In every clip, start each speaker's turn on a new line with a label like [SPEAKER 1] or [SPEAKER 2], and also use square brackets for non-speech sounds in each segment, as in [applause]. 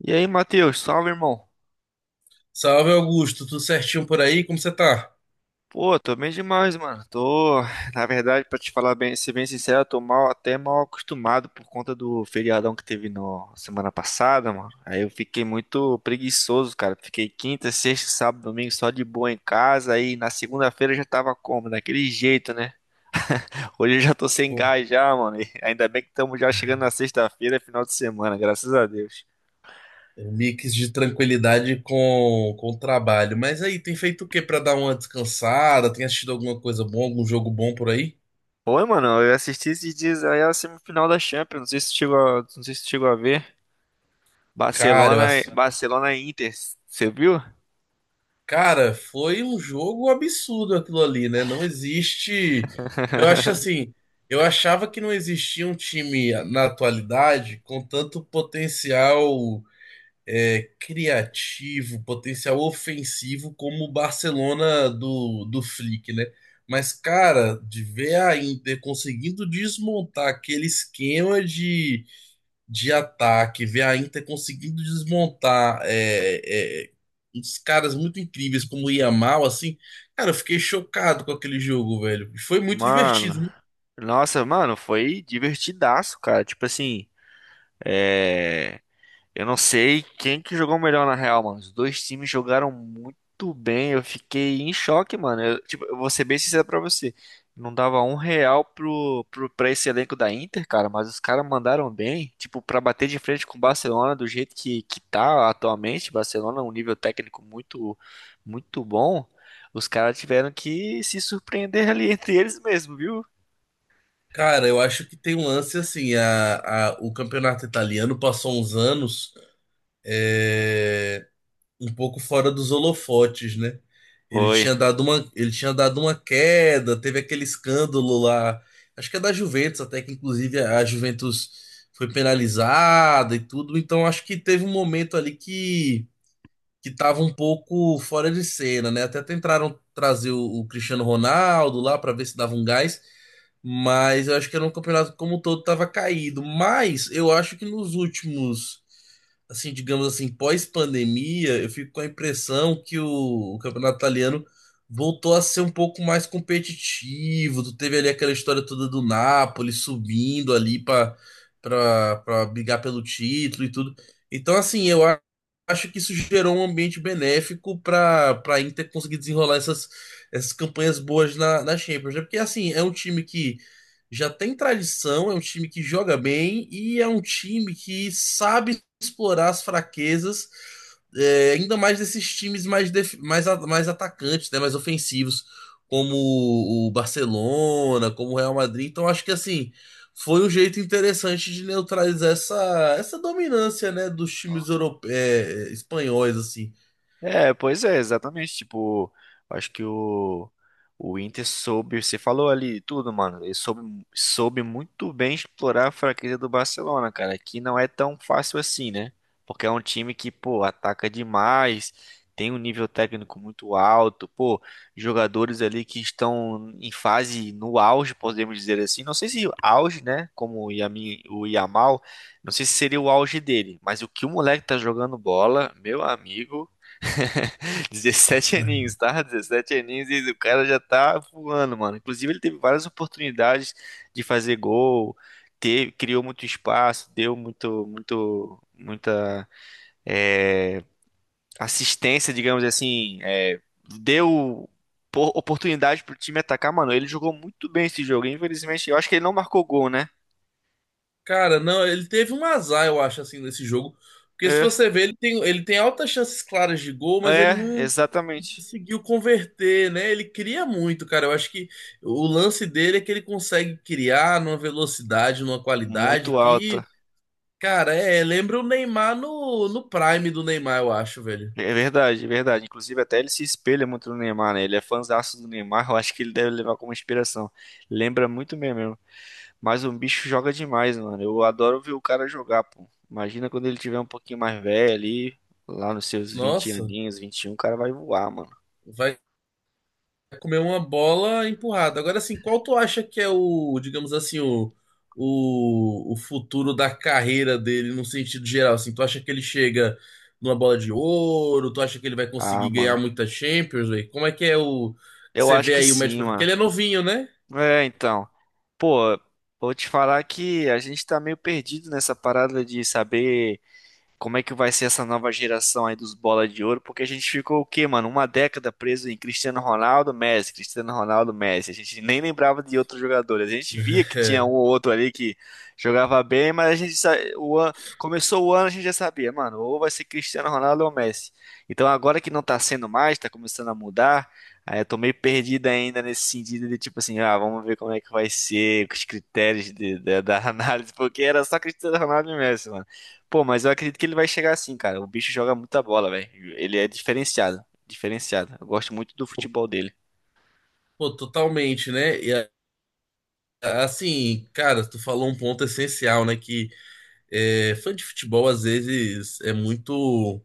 [SPEAKER 1] E aí, Matheus, salve, irmão.
[SPEAKER 2] Salve Augusto, tudo certinho por aí? Como você tá?
[SPEAKER 1] Pô, tô bem demais, mano. Na verdade, pra te falar bem, ser bem sincero, eu tô mal, até mal acostumado por conta do feriadão que teve no semana passada, mano. Aí eu fiquei muito preguiçoso, cara. Fiquei quinta, sexta, sábado, domingo só de boa em casa. Aí na segunda-feira eu já tava como? Daquele jeito, né? Hoje eu já tô sem
[SPEAKER 2] Pô,
[SPEAKER 1] gás já, mano. E ainda bem que estamos já chegando na sexta-feira, final de semana, graças a Deus.
[SPEAKER 2] é um mix de tranquilidade com o trabalho. Mas aí, tem feito o que pra dar uma descansada? Tem assistido alguma coisa boa, algum jogo bom por aí?
[SPEAKER 1] Oi, mano, eu assisti esses dias aí a semifinal da Champions, não sei se tu chegou a ver.
[SPEAKER 2] Cara, eu
[SPEAKER 1] Barcelona,
[SPEAKER 2] assi-
[SPEAKER 1] Barcelona e Inter, você viu?
[SPEAKER 2] Cara, foi um jogo absurdo aquilo ali, né? Não existe. Eu acho assim, eu achava que não existia um time na atualidade com tanto potencial criativo, potencial ofensivo como o Barcelona do Flick, né? Mas, cara, de ver a Inter conseguindo desmontar aquele esquema de ataque, ver a Inter conseguindo desmontar uns caras muito incríveis como o Yamal, assim, cara, eu fiquei chocado com aquele jogo, velho. Foi muito
[SPEAKER 1] Mano,
[SPEAKER 2] divertido, né?
[SPEAKER 1] nossa, mano, foi divertidaço, cara. Tipo assim, é. Eu não sei quem que jogou melhor na real, mano. Os dois times jogaram muito bem. Eu fiquei em choque, mano. Eu, tipo, eu vou ser bem sincero pra você. Não dava um real pra esse elenco da Inter, cara, mas os caras mandaram bem. Tipo, pra bater de frente com o Barcelona do jeito que tá atualmente. Barcelona é um nível técnico muito bom. Os caras tiveram que se surpreender ali [laughs] entre eles mesmo, viu?
[SPEAKER 2] Cara, eu acho que tem um lance assim, o campeonato italiano passou uns anos. é, Um pouco fora dos holofotes, né? Ele
[SPEAKER 1] Oi,
[SPEAKER 2] tinha dado uma, ele tinha dado uma queda, teve aquele escândalo lá, acho que é da Juventus, até que inclusive a Juventus foi penalizada e tudo, então acho que teve um momento ali que tava um pouco fora de cena, né? Até tentaram trazer o Cristiano Ronaldo lá para ver se dava um gás, mas eu acho que era um campeonato como um todo tava caído. Mas eu acho que nos últimos, assim, digamos assim, pós-pandemia, eu fico com a impressão que o campeonato italiano voltou a ser um pouco mais competitivo. Tu teve ali aquela história toda do Napoli subindo ali para brigar pelo título e tudo. Então, assim, eu acho que isso gerou um ambiente benéfico para Inter conseguir desenrolar essas campanhas boas na Champions, né? Porque assim, é um time que já tem tradição, é um time que joga bem e é um time que sabe explorar as fraquezas, é, ainda mais desses times mais, mais atacantes, né? Mais ofensivos, como o Barcelona, como o Real Madrid. Então acho que assim foi um jeito interessante de neutralizar essa dominância, né, dos times europeus, espanhóis, assim.
[SPEAKER 1] é, pois é, exatamente. Tipo, acho que o Inter soube, você falou ali tudo, mano. Ele soube muito bem explorar a fraqueza do Barcelona, cara, que não é tão fácil assim, né? Porque é um time que, pô, ataca demais, tem um nível técnico muito alto, pô, jogadores ali que estão em fase no auge, podemos dizer assim. Não sei se auge, né? Como o Yamin, o Yamal, não sei se seria o auge dele, mas o que o moleque tá jogando bola, meu amigo, 17 aninhos, tá? 17 aninhos e o cara já tá voando, mano. Inclusive, ele teve várias oportunidades de fazer gol, teve, criou muito espaço, deu muita é, assistência, digamos assim, deu oportunidade pro time atacar, mano. Ele jogou muito bem esse jogo, infelizmente. Eu acho que ele não marcou gol, né?
[SPEAKER 2] Cara, não, ele teve um azar, eu acho, assim, nesse jogo. Porque se
[SPEAKER 1] É,
[SPEAKER 2] você vê, ele tem altas chances claras de gol, mas ele
[SPEAKER 1] é,
[SPEAKER 2] não
[SPEAKER 1] exatamente.
[SPEAKER 2] conseguiu converter, né? Ele cria muito, cara. Eu acho que o lance dele é que ele consegue criar numa velocidade, numa qualidade
[SPEAKER 1] Muito alta.
[SPEAKER 2] que, cara, é, lembra o Neymar no prime do Neymar, eu acho, velho.
[SPEAKER 1] É verdade, é verdade. Inclusive, até ele se espelha muito no Neymar, né? Ele é fãzaço do Neymar, [laughs] eu acho que ele deve levar como inspiração. Lembra muito mesmo. Mas o bicho joga demais, mano. Eu adoro ver o cara jogar, pô. Imagina quando ele tiver um pouquinho mais velho ali, lá nos seus vinte
[SPEAKER 2] Nossa,
[SPEAKER 1] aninhos, 21, o cara vai voar, mano.
[SPEAKER 2] vai é comer uma bola empurrada. Agora, assim, qual tu acha que é o, digamos assim, o futuro da carreira dele no sentido geral? Assim, tu acha que ele chega numa bola de ouro? Tu acha que ele vai
[SPEAKER 1] Ah,
[SPEAKER 2] conseguir ganhar
[SPEAKER 1] mano.
[SPEAKER 2] muita Champions, velho? Como é que é o que
[SPEAKER 1] Eu
[SPEAKER 2] você
[SPEAKER 1] acho
[SPEAKER 2] vê
[SPEAKER 1] que
[SPEAKER 2] aí o médio?
[SPEAKER 1] sim,
[SPEAKER 2] Porque
[SPEAKER 1] mano.
[SPEAKER 2] ele é novinho, né?
[SPEAKER 1] É, então. Pô, vou te falar que a gente tá meio perdido nessa parada de saber como é que vai ser essa nova geração aí dos bola de ouro, porque a gente ficou o quê, mano? Uma década preso em Cristiano Ronaldo, Messi, Cristiano Ronaldo, Messi. A gente nem lembrava de outros jogadores. A gente via
[SPEAKER 2] [laughs]
[SPEAKER 1] que tinha um
[SPEAKER 2] É.
[SPEAKER 1] ou outro ali que jogava bem, mas a gente sa- o ano, começou o ano, a gente já sabia, mano, ou vai ser Cristiano Ronaldo ou Messi. Então agora que não tá sendo mais, tá começando a mudar. Aí eu tô meio perdido ainda nesse sentido de tipo assim, ah, vamos ver como é que vai ser, os critérios da [laughs] análise, porque era só Cristiano Ronaldo e Messi, mano. Pô, mas eu acredito que ele vai chegar assim, cara. O bicho joga muita bola, velho. Ele é diferenciado. Diferenciado. Eu gosto muito do futebol dele.
[SPEAKER 2] Pô, totalmente, né? Assim, cara, tu falou um ponto essencial, né? Que é, fã de futebol às vezes é muito.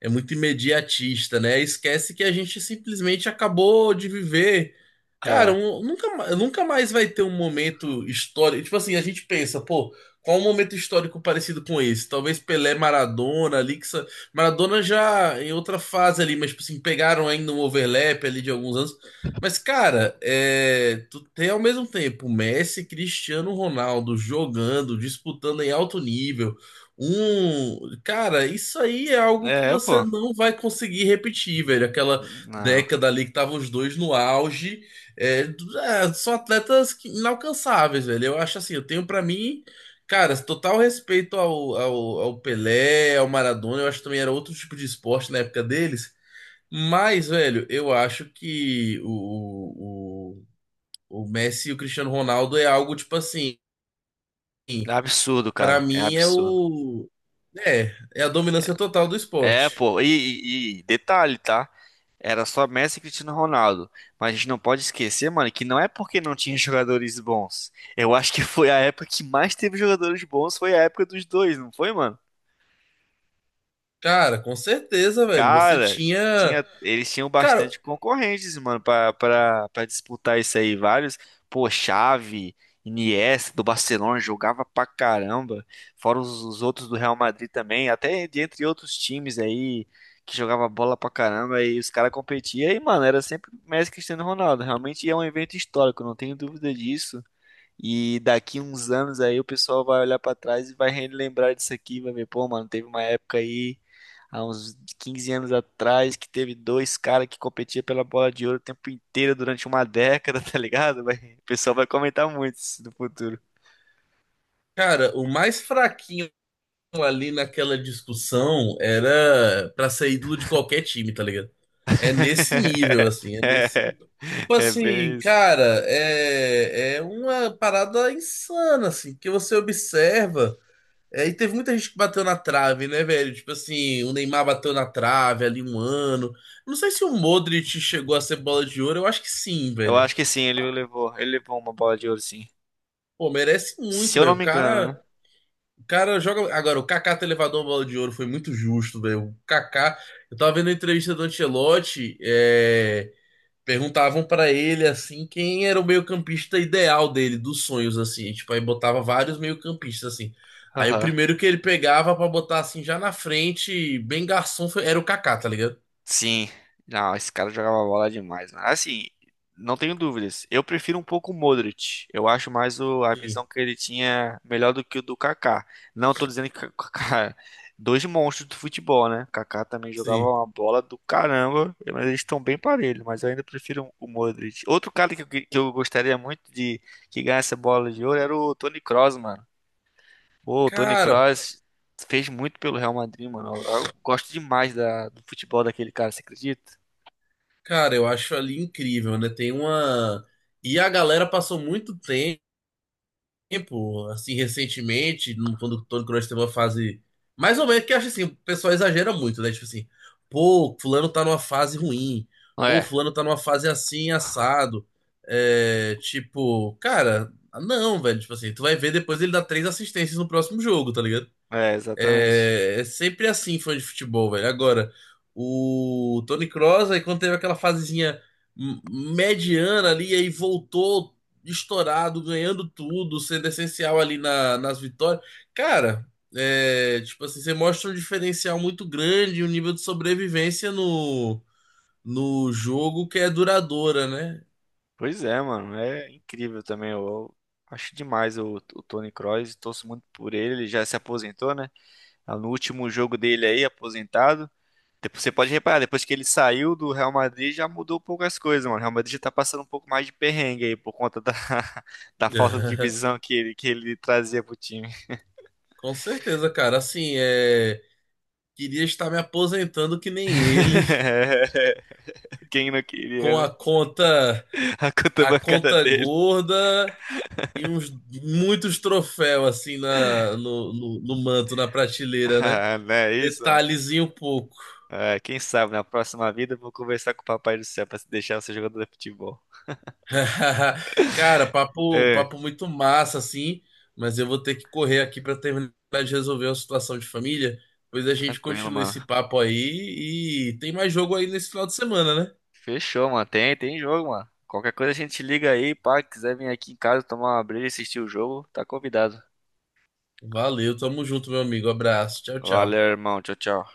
[SPEAKER 2] É muito imediatista, né? Esquece que a gente simplesmente acabou de viver. Cara,
[SPEAKER 1] É.
[SPEAKER 2] nunca mais vai ter um momento histórico. Tipo assim, a gente pensa, pô, qual um momento histórico parecido com esse? Talvez Pelé, Maradona, Maradona já em outra fase ali, mas tipo assim, pegaram ainda um overlap ali de alguns anos. Mas, cara, é, tu tem ao mesmo tempo Messi, Cristiano Ronaldo jogando, disputando em alto nível. Cara, isso aí é algo que
[SPEAKER 1] É,
[SPEAKER 2] você
[SPEAKER 1] pô.
[SPEAKER 2] não vai conseguir repetir, velho. Aquela
[SPEAKER 1] Não.
[SPEAKER 2] década ali que estavam os dois no auge, é, são atletas que- inalcançáveis, velho. Eu acho assim, eu tenho pra mim, cara, total respeito ao Pelé, ao Maradona. Eu acho que também era outro tipo de esporte na época deles. Mas, velho, eu acho que o Messi e o Cristiano Ronaldo é algo tipo assim.
[SPEAKER 1] É absurdo,
[SPEAKER 2] Pra
[SPEAKER 1] cara. É
[SPEAKER 2] mim é
[SPEAKER 1] absurdo.
[SPEAKER 2] o. É, é a dominância total do
[SPEAKER 1] É,
[SPEAKER 2] esporte.
[SPEAKER 1] pô. E, e detalhe, tá? Era só Messi e Cristiano Ronaldo. Mas a gente não pode esquecer, mano, que não é porque não tinha jogadores bons. Eu acho que foi a época que mais teve jogadores bons, foi a época dos dois, não foi, mano?
[SPEAKER 2] Cara, com certeza, velho. Você
[SPEAKER 1] Cara,
[SPEAKER 2] tinha.
[SPEAKER 1] tinha, eles tinham
[SPEAKER 2] Cara,
[SPEAKER 1] bastante concorrentes, mano, pra disputar isso aí. Vários, pô, Xavi, Iniesta do Barcelona jogava pra caramba. Fora os outros do Real Madrid também, até de entre outros times aí que jogava bola pra caramba e os caras competiam. E, mano, era sempre Messi e Cristiano Ronaldo. Realmente é um evento histórico, não tenho dúvida disso. E daqui uns anos aí o pessoal vai olhar pra trás e vai relembrar disso aqui, vai ver, pô, mano, teve uma época aí, há uns 15 anos atrás, que teve dois caras que competiam pela bola de ouro o tempo inteiro durante uma década, [laughs] tá ligado? Vai- o pessoal vai comentar muito isso no futuro.
[SPEAKER 2] Cara, o mais fraquinho ali naquela discussão era pra ser ídolo de qualquer time, tá ligado? É nesse nível,
[SPEAKER 1] [laughs]
[SPEAKER 2] assim, é nesse
[SPEAKER 1] É,
[SPEAKER 2] nível. Tipo
[SPEAKER 1] é bem
[SPEAKER 2] assim,
[SPEAKER 1] isso.
[SPEAKER 2] cara, é, é uma parada insana, assim, que você observa. É, e teve muita gente que bateu na trave, né, velho? Tipo assim, o Neymar bateu na trave ali um ano. Não sei se o Modric chegou a ser bola de ouro, eu acho que sim,
[SPEAKER 1] Eu
[SPEAKER 2] velho.
[SPEAKER 1] acho que sim, ele levou uma bola de ouro, sim.
[SPEAKER 2] Pô, merece
[SPEAKER 1] Se
[SPEAKER 2] muito,
[SPEAKER 1] eu
[SPEAKER 2] velho.
[SPEAKER 1] não me engano, né?
[SPEAKER 2] O cara joga. Agora, o Kaká ter levado uma bola de ouro foi muito justo, velho. O Kaká, eu tava vendo a entrevista do Ancelotti, é. Perguntavam pra ele assim quem era o meio-campista ideal dele, dos sonhos assim, tipo, aí botava vários meio-campistas assim. Aí o
[SPEAKER 1] Aham.
[SPEAKER 2] primeiro que ele pegava pra botar assim já na frente, bem garçom, era o Kaká, tá ligado?
[SPEAKER 1] Sim, não, esse cara jogava bola demais, mano. Assim, não tenho dúvidas. Eu prefiro um pouco o Modric. Eu acho mais o, a
[SPEAKER 2] Sim,
[SPEAKER 1] visão que ele tinha melhor do que o do Kaká. Não tô dizendo que o Kaká, é dois monstros do futebol, né? O Kaká também jogava
[SPEAKER 2] sim.
[SPEAKER 1] uma bola do caramba, mas eles estão bem parelhos, mas eu ainda prefiro o Modric. Outro cara que eu gostaria muito de que ganhasse a bola de ouro era o Toni Kroos, mano. Pô, o Toni
[SPEAKER 2] Cara,
[SPEAKER 1] Kroos fez muito pelo Real Madrid, mano. Eu gosto demais do futebol daquele cara, você acredita?
[SPEAKER 2] Cara, eu acho ali incrível, né? Tem uma e a galera passou muito tempo. Tempo, assim, recentemente, quando, quando nós temos uma fase. Mais ou menos, que eu acho assim, o pessoal exagera muito, né? Tipo assim, pô, fulano tá numa fase ruim, pô,
[SPEAKER 1] É,
[SPEAKER 2] fulano tá numa fase assim, assado. É, tipo, cara, não, velho, tipo assim, tu vai ver depois ele dá três assistências no próximo jogo, tá ligado?
[SPEAKER 1] é, exatamente.
[SPEAKER 2] É, é sempre assim, fã de futebol, velho. Agora, o Toni Kroos, aí quando teve aquela fasezinha m- mediana ali, aí voltou estourado, ganhando tudo, sendo essencial ali nas vitórias. Cara, é, tipo assim, você mostra um diferencial muito grande, um nível de sobrevivência no jogo que é duradoura, né?
[SPEAKER 1] Pois é, mano, é incrível também. Eu acho demais o Toni Kroos, torço muito por ele. Ele já se aposentou, né? No último jogo dele aí, aposentado. Depois, você pode reparar, depois que ele saiu do Real Madrid, já mudou um pouco as coisas, mano. O Real Madrid já tá passando um pouco mais de perrengue aí, por conta da, [laughs] da falta de
[SPEAKER 2] [laughs]
[SPEAKER 1] visão que ele trazia pro time.
[SPEAKER 2] Com certeza, cara. Assim, é, queria estar me aposentando que nem ele,
[SPEAKER 1] [laughs] Quem não
[SPEAKER 2] [laughs]
[SPEAKER 1] queria,
[SPEAKER 2] com a
[SPEAKER 1] né?
[SPEAKER 2] conta.
[SPEAKER 1] [laughs] A conta
[SPEAKER 2] A
[SPEAKER 1] bancária
[SPEAKER 2] conta
[SPEAKER 1] dele.
[SPEAKER 2] gorda e uns muitos troféus assim na, no manto, na
[SPEAKER 1] [laughs]
[SPEAKER 2] prateleira, né?
[SPEAKER 1] Ah, não é isso.
[SPEAKER 2] Detalhezinho pouco.
[SPEAKER 1] É, quem sabe na próxima vida eu vou conversar com o Papai do Céu pra deixar você jogador de futebol.
[SPEAKER 2] [laughs] Cara,
[SPEAKER 1] É,
[SPEAKER 2] papo muito massa, assim, mas eu vou ter que correr aqui para terminar de resolver uma situação de família. Pois a gente
[SPEAKER 1] tranquilo,
[SPEAKER 2] continua
[SPEAKER 1] mano.
[SPEAKER 2] esse papo aí e tem mais jogo aí nesse final de semana, né?
[SPEAKER 1] Fechou, mano. Tem, tem jogo, mano. Qualquer coisa a gente liga aí, pá. Quiser vir aqui em casa tomar uma breja e assistir o jogo, tá convidado.
[SPEAKER 2] Valeu, tamo junto, meu amigo. Abraço, tchau, tchau.
[SPEAKER 1] Valeu, irmão. Tchau, tchau.